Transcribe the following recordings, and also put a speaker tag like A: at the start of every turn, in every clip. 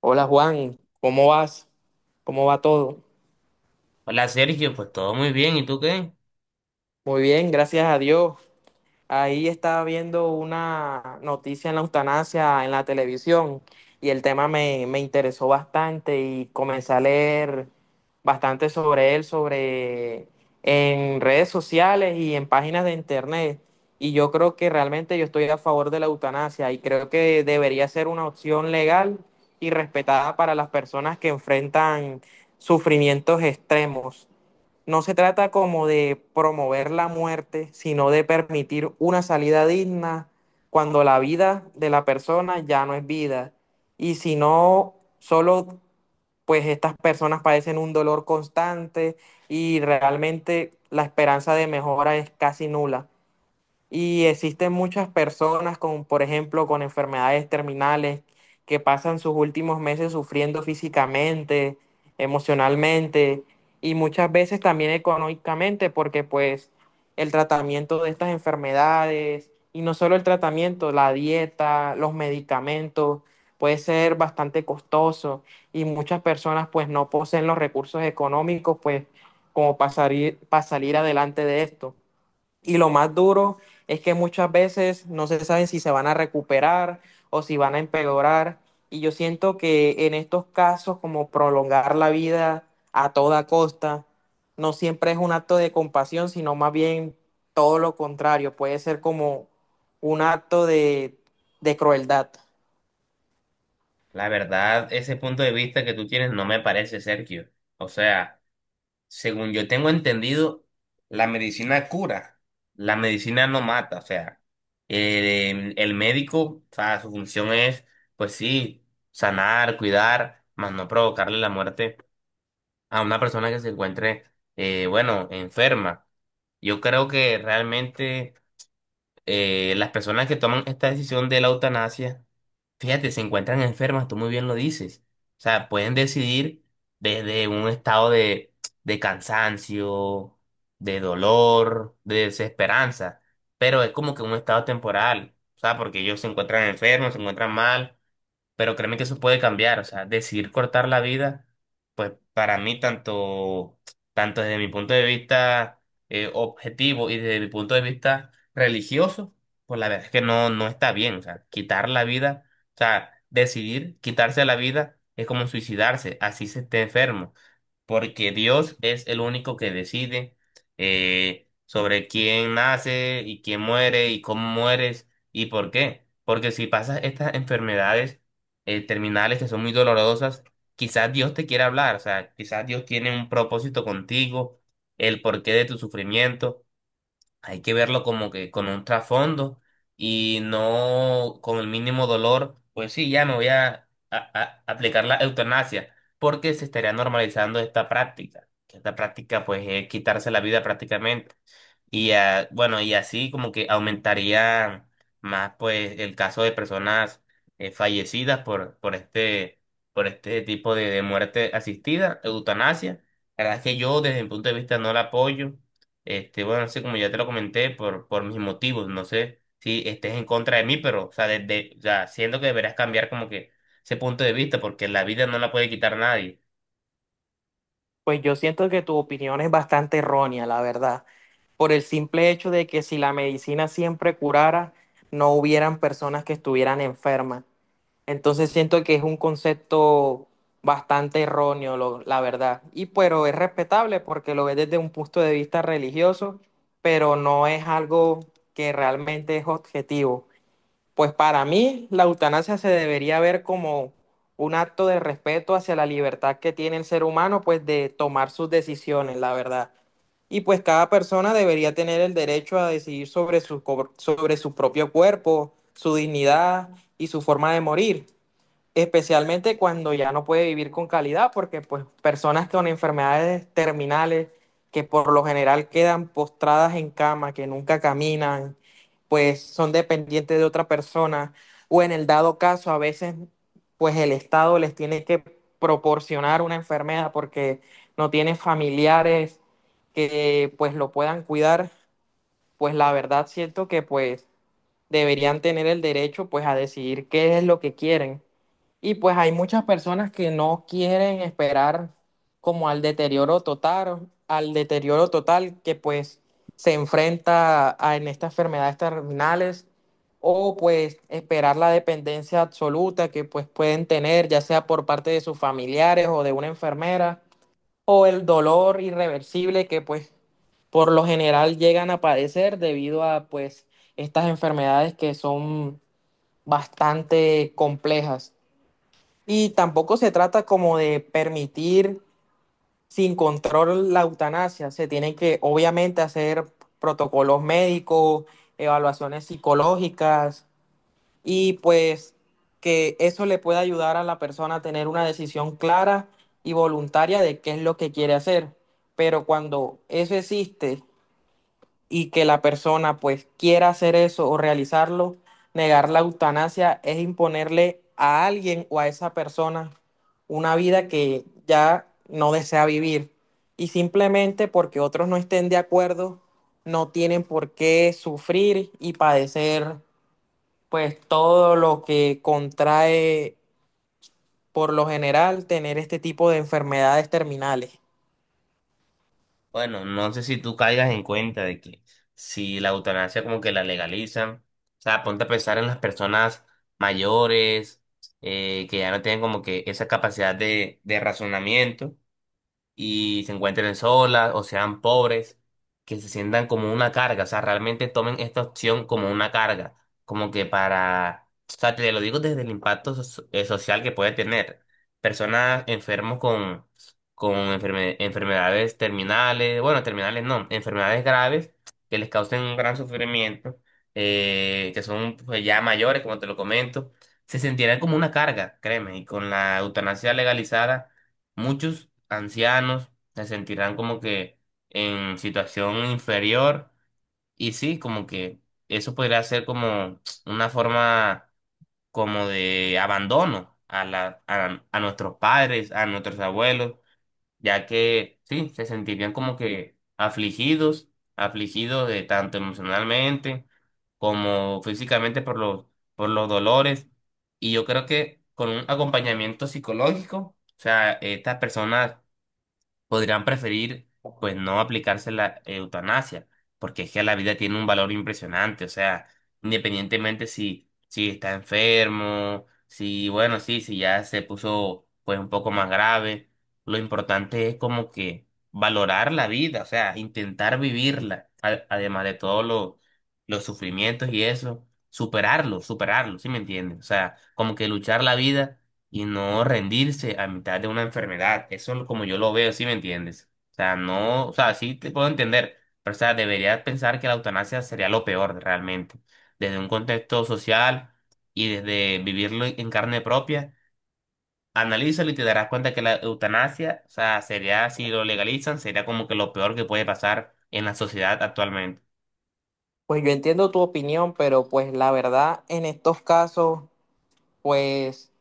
A: Hola Juan, ¿cómo vas? ¿Cómo va todo?
B: Hola Sergio, pues todo muy bien, ¿y tú qué?
A: Muy bien, gracias a Dios. Ahí estaba viendo una noticia en la eutanasia en la televisión y el tema me interesó bastante y comencé a leer bastante sobre él, sobre en redes sociales y en páginas de internet. Y yo creo que realmente yo estoy a favor de la eutanasia y creo que debería ser una opción legal y respetada para las personas que enfrentan sufrimientos extremos. No se trata como de promover la muerte, sino de permitir una salida digna cuando la vida de la persona ya no es vida. Y si no, solo pues estas personas padecen un dolor constante y realmente la esperanza de mejora es casi nula. Y existen muchas personas con, por ejemplo, con enfermedades terminales que pasan sus últimos meses sufriendo físicamente, emocionalmente y muchas veces también económicamente, porque pues el tratamiento de estas enfermedades, y no solo el tratamiento, la dieta, los medicamentos, puede ser bastante costoso y muchas personas pues no poseen los recursos económicos pues como para salir adelante de esto. Y lo más duro es que muchas veces no se saben si se van a recuperar o si van a empeorar. Y yo siento que en estos casos, como prolongar la vida a toda costa, no siempre es un acto de compasión, sino más bien todo lo contrario. Puede ser como un acto de crueldad.
B: La verdad, ese punto de vista que tú tienes no me parece, Sergio. O sea, según yo tengo entendido, la medicina cura, la medicina no mata, o sea, el médico, o sea, su función es, pues sí, sanar, cuidar, más no provocarle la muerte a una persona que se encuentre, bueno, enferma. Yo creo que realmente las personas que toman esta decisión de la eutanasia, fíjate, se encuentran enfermas, tú muy bien lo dices. O sea, pueden decidir desde un estado de cansancio, de dolor, de desesperanza, pero es como que un estado temporal, o sea, porque ellos se encuentran enfermos, se encuentran mal, pero créeme que eso puede cambiar. O sea, decidir cortar la vida, pues para mí tanto, tanto desde mi punto de vista objetivo y desde mi punto de vista religioso, pues la verdad es que no, no está bien, o sea, quitar la vida, o sea, decidir quitarse la vida es como suicidarse, así se esté enfermo, porque Dios es el único que decide, sobre quién nace y quién muere y cómo mueres y por qué. Porque si pasas estas enfermedades terminales que son muy dolorosas, quizás Dios te quiera hablar, o sea, quizás Dios tiene un propósito contigo, el porqué de tu sufrimiento. Hay que verlo como que con un trasfondo y no con el mínimo dolor. Pues sí, ya me voy a aplicar la eutanasia, porque se estaría normalizando esta práctica. Que Esta práctica pues es quitarse la vida prácticamente. Y bueno, y así como que aumentaría más pues el caso de personas fallecidas por, por este tipo de muerte asistida, eutanasia. La verdad es que yo desde mi punto de vista no la apoyo, este, bueno, así como ya te lo comenté, por mis motivos. No sé si estés en contra de mí, pero, o sea, desde, o sea, siento que deberás cambiar como que ese punto de vista, porque la vida no la puede quitar nadie.
A: Pues yo siento que tu opinión es bastante errónea, la verdad, por el simple hecho de que si la medicina siempre curara, no hubieran personas que estuvieran enfermas. Entonces siento que es un concepto bastante erróneo, la verdad. Y pero es respetable porque lo ves desde un punto de vista religioso, pero no es algo que realmente es objetivo. Pues para mí la eutanasia se debería ver como un acto de respeto hacia la libertad que tiene el ser humano, pues de tomar sus decisiones, la verdad. Y pues cada persona debería tener el derecho a decidir sobre sobre su propio cuerpo, su dignidad y su forma de morir, especialmente cuando ya no puede vivir con calidad, porque pues personas con enfermedades terminales que por lo general quedan postradas en cama, que nunca caminan, pues son dependientes de otra persona, o en el dado caso a veces pues el Estado les tiene que proporcionar una enfermedad porque no tiene familiares que pues lo puedan cuidar, pues la verdad siento que pues deberían tener el derecho pues a decidir qué es lo que quieren y pues hay muchas personas que no quieren esperar como al deterioro total que pues se enfrenta en estas enfermedades terminales o pues esperar la dependencia absoluta que pues pueden tener ya sea por parte de sus familiares o de una enfermera o el dolor irreversible que pues por lo general llegan a padecer debido a pues estas enfermedades que son bastante complejas. Y tampoco se trata como de permitir sin control la eutanasia. Se tienen que, obviamente, hacer protocolos médicos, evaluaciones psicológicas y pues que eso le pueda ayudar a la persona a tener una decisión clara y voluntaria de qué es lo que quiere hacer. Pero cuando eso existe y que la persona pues quiera hacer eso o realizarlo, negar la eutanasia es imponerle a alguien o a esa persona una vida que ya no desea vivir. Y simplemente porque otros no estén de acuerdo, no tienen por qué sufrir y padecer pues todo lo que contrae por lo general tener este tipo de enfermedades terminales.
B: Bueno, no sé si tú caigas en cuenta de que si la eutanasia como que la legalizan, o sea, ponte a pensar en las personas mayores, que ya no tienen como que esa capacidad de razonamiento y se encuentren solas o sean pobres, que se sientan como una carga, o sea, realmente tomen esta opción como una carga, como que para, o sea, te lo digo desde el impacto social que puede tener. Personas enfermos con enfermedades terminales, bueno, terminales no, enfermedades graves que les causen un gran sufrimiento, que son pues, ya mayores, como te lo comento, se sentirán como una carga, créeme, y con la eutanasia legalizada, muchos ancianos se sentirán como que en situación inferior, y sí, como que eso podría ser como una forma como de abandono a a nuestros padres, a nuestros abuelos, ya que sí, se sentirían como que afligidos, afligidos, de tanto emocionalmente como físicamente por los dolores. Y yo creo que con un acompañamiento psicológico, o sea, estas personas podrían preferir pues no aplicarse la eutanasia, porque es que la vida tiene un valor impresionante. O sea, independientemente si, si está enfermo, si bueno, sí, si ya se puso pues un poco más grave, lo importante es como que valorar la vida, o sea, intentar vivirla, además de todos los sufrimientos y eso, superarlo, superarlo, ¿sí me entiendes? O sea, como que luchar la vida y no rendirse a mitad de una enfermedad. Eso es como yo lo veo, ¿sí me entiendes? O sea, no, o sea, sí te puedo entender, pero o sea, deberías pensar que la eutanasia sería lo peor realmente, desde un contexto social y desde vivirlo en carne propia. Analízalo y te darás cuenta que la eutanasia, o sea, sería, si lo legalizan, sería como que lo peor que puede pasar en la sociedad actualmente.
A: Pues yo entiendo tu opinión, pero pues la verdad en estos casos, pues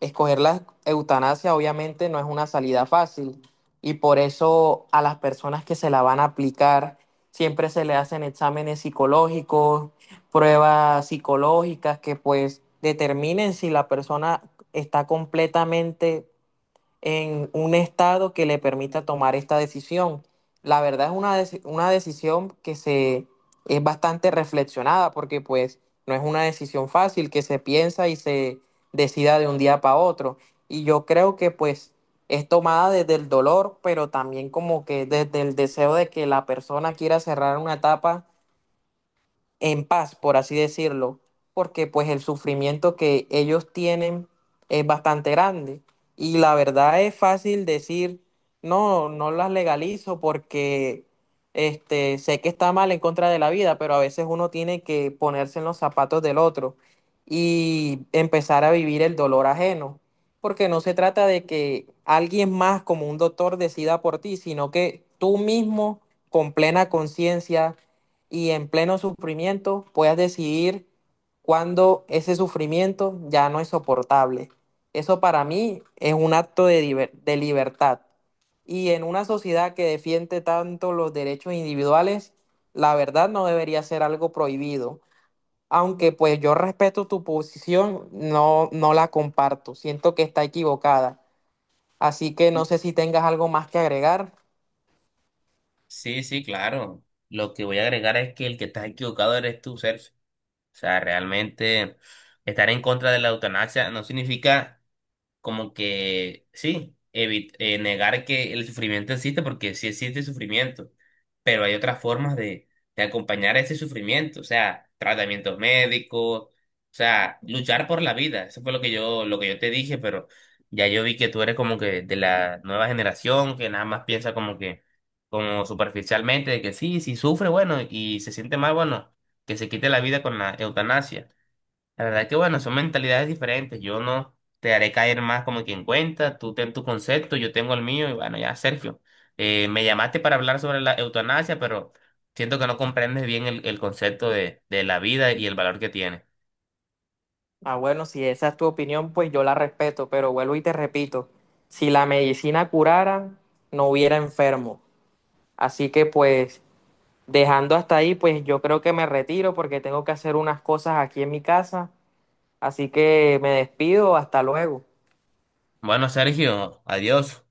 A: escoger la eutanasia obviamente no es una salida fácil y por eso a las personas que se la van a aplicar siempre se le hacen exámenes psicológicos, pruebas psicológicas que pues determinen si la persona está completamente en un estado que le permita tomar esta decisión. La verdad es una decisión que se es bastante reflexionada porque pues no es una decisión fácil que se piensa y se decida de un día para otro. Y yo creo que pues es tomada desde el dolor, pero también como que desde el deseo de que la persona quiera cerrar una etapa en paz, por así decirlo, porque pues el sufrimiento que ellos tienen es bastante grande. Y la verdad es fácil decir, no, no las legalizo porque este, sé que está mal en contra de la vida, pero a veces uno tiene que ponerse en los zapatos del otro y empezar a vivir el dolor ajeno. Porque no se trata de que alguien más como un doctor decida por ti, sino que tú mismo con plena conciencia y en pleno sufrimiento puedas decidir cuando ese sufrimiento ya no es soportable. Eso para mí es un acto de libertad. Y en una sociedad que defiende tanto los derechos individuales, la verdad no debería ser algo prohibido. Aunque pues yo respeto tu posición, no, no la comparto. Siento que está equivocada. Así que no sé si tengas algo más que agregar.
B: Sí, sí, claro. Lo que voy a agregar es que el que está equivocado eres tú, Sergio. O sea, realmente estar en contra de la eutanasia no significa como que sí, negar que el sufrimiento existe, porque sí existe sufrimiento, pero hay otras formas de acompañar ese sufrimiento, o sea, tratamientos médicos, o sea, luchar por la vida. Eso fue lo que yo te dije, pero ya yo vi que tú eres como que de la nueva generación, que nada más piensa como que, como superficialmente, de que sí, si sufre, bueno, y se siente mal, bueno, que se quite la vida con la eutanasia. La verdad que bueno, son mentalidades diferentes. Yo no te haré caer más como quien cuenta. Tú ten tu concepto, yo tengo el mío. Y bueno, ya, Sergio, me llamaste para hablar sobre la eutanasia, pero siento que no comprendes bien el concepto de la vida y el valor que tiene.
A: Ah, bueno, si esa es tu opinión, pues yo la respeto, pero vuelvo y te repito, si la medicina curara, no hubiera enfermo. Así que pues dejando hasta ahí, pues yo creo que me retiro porque tengo que hacer unas cosas aquí en mi casa. Así que me despido, hasta luego.
B: Bueno, Sergio, adiós.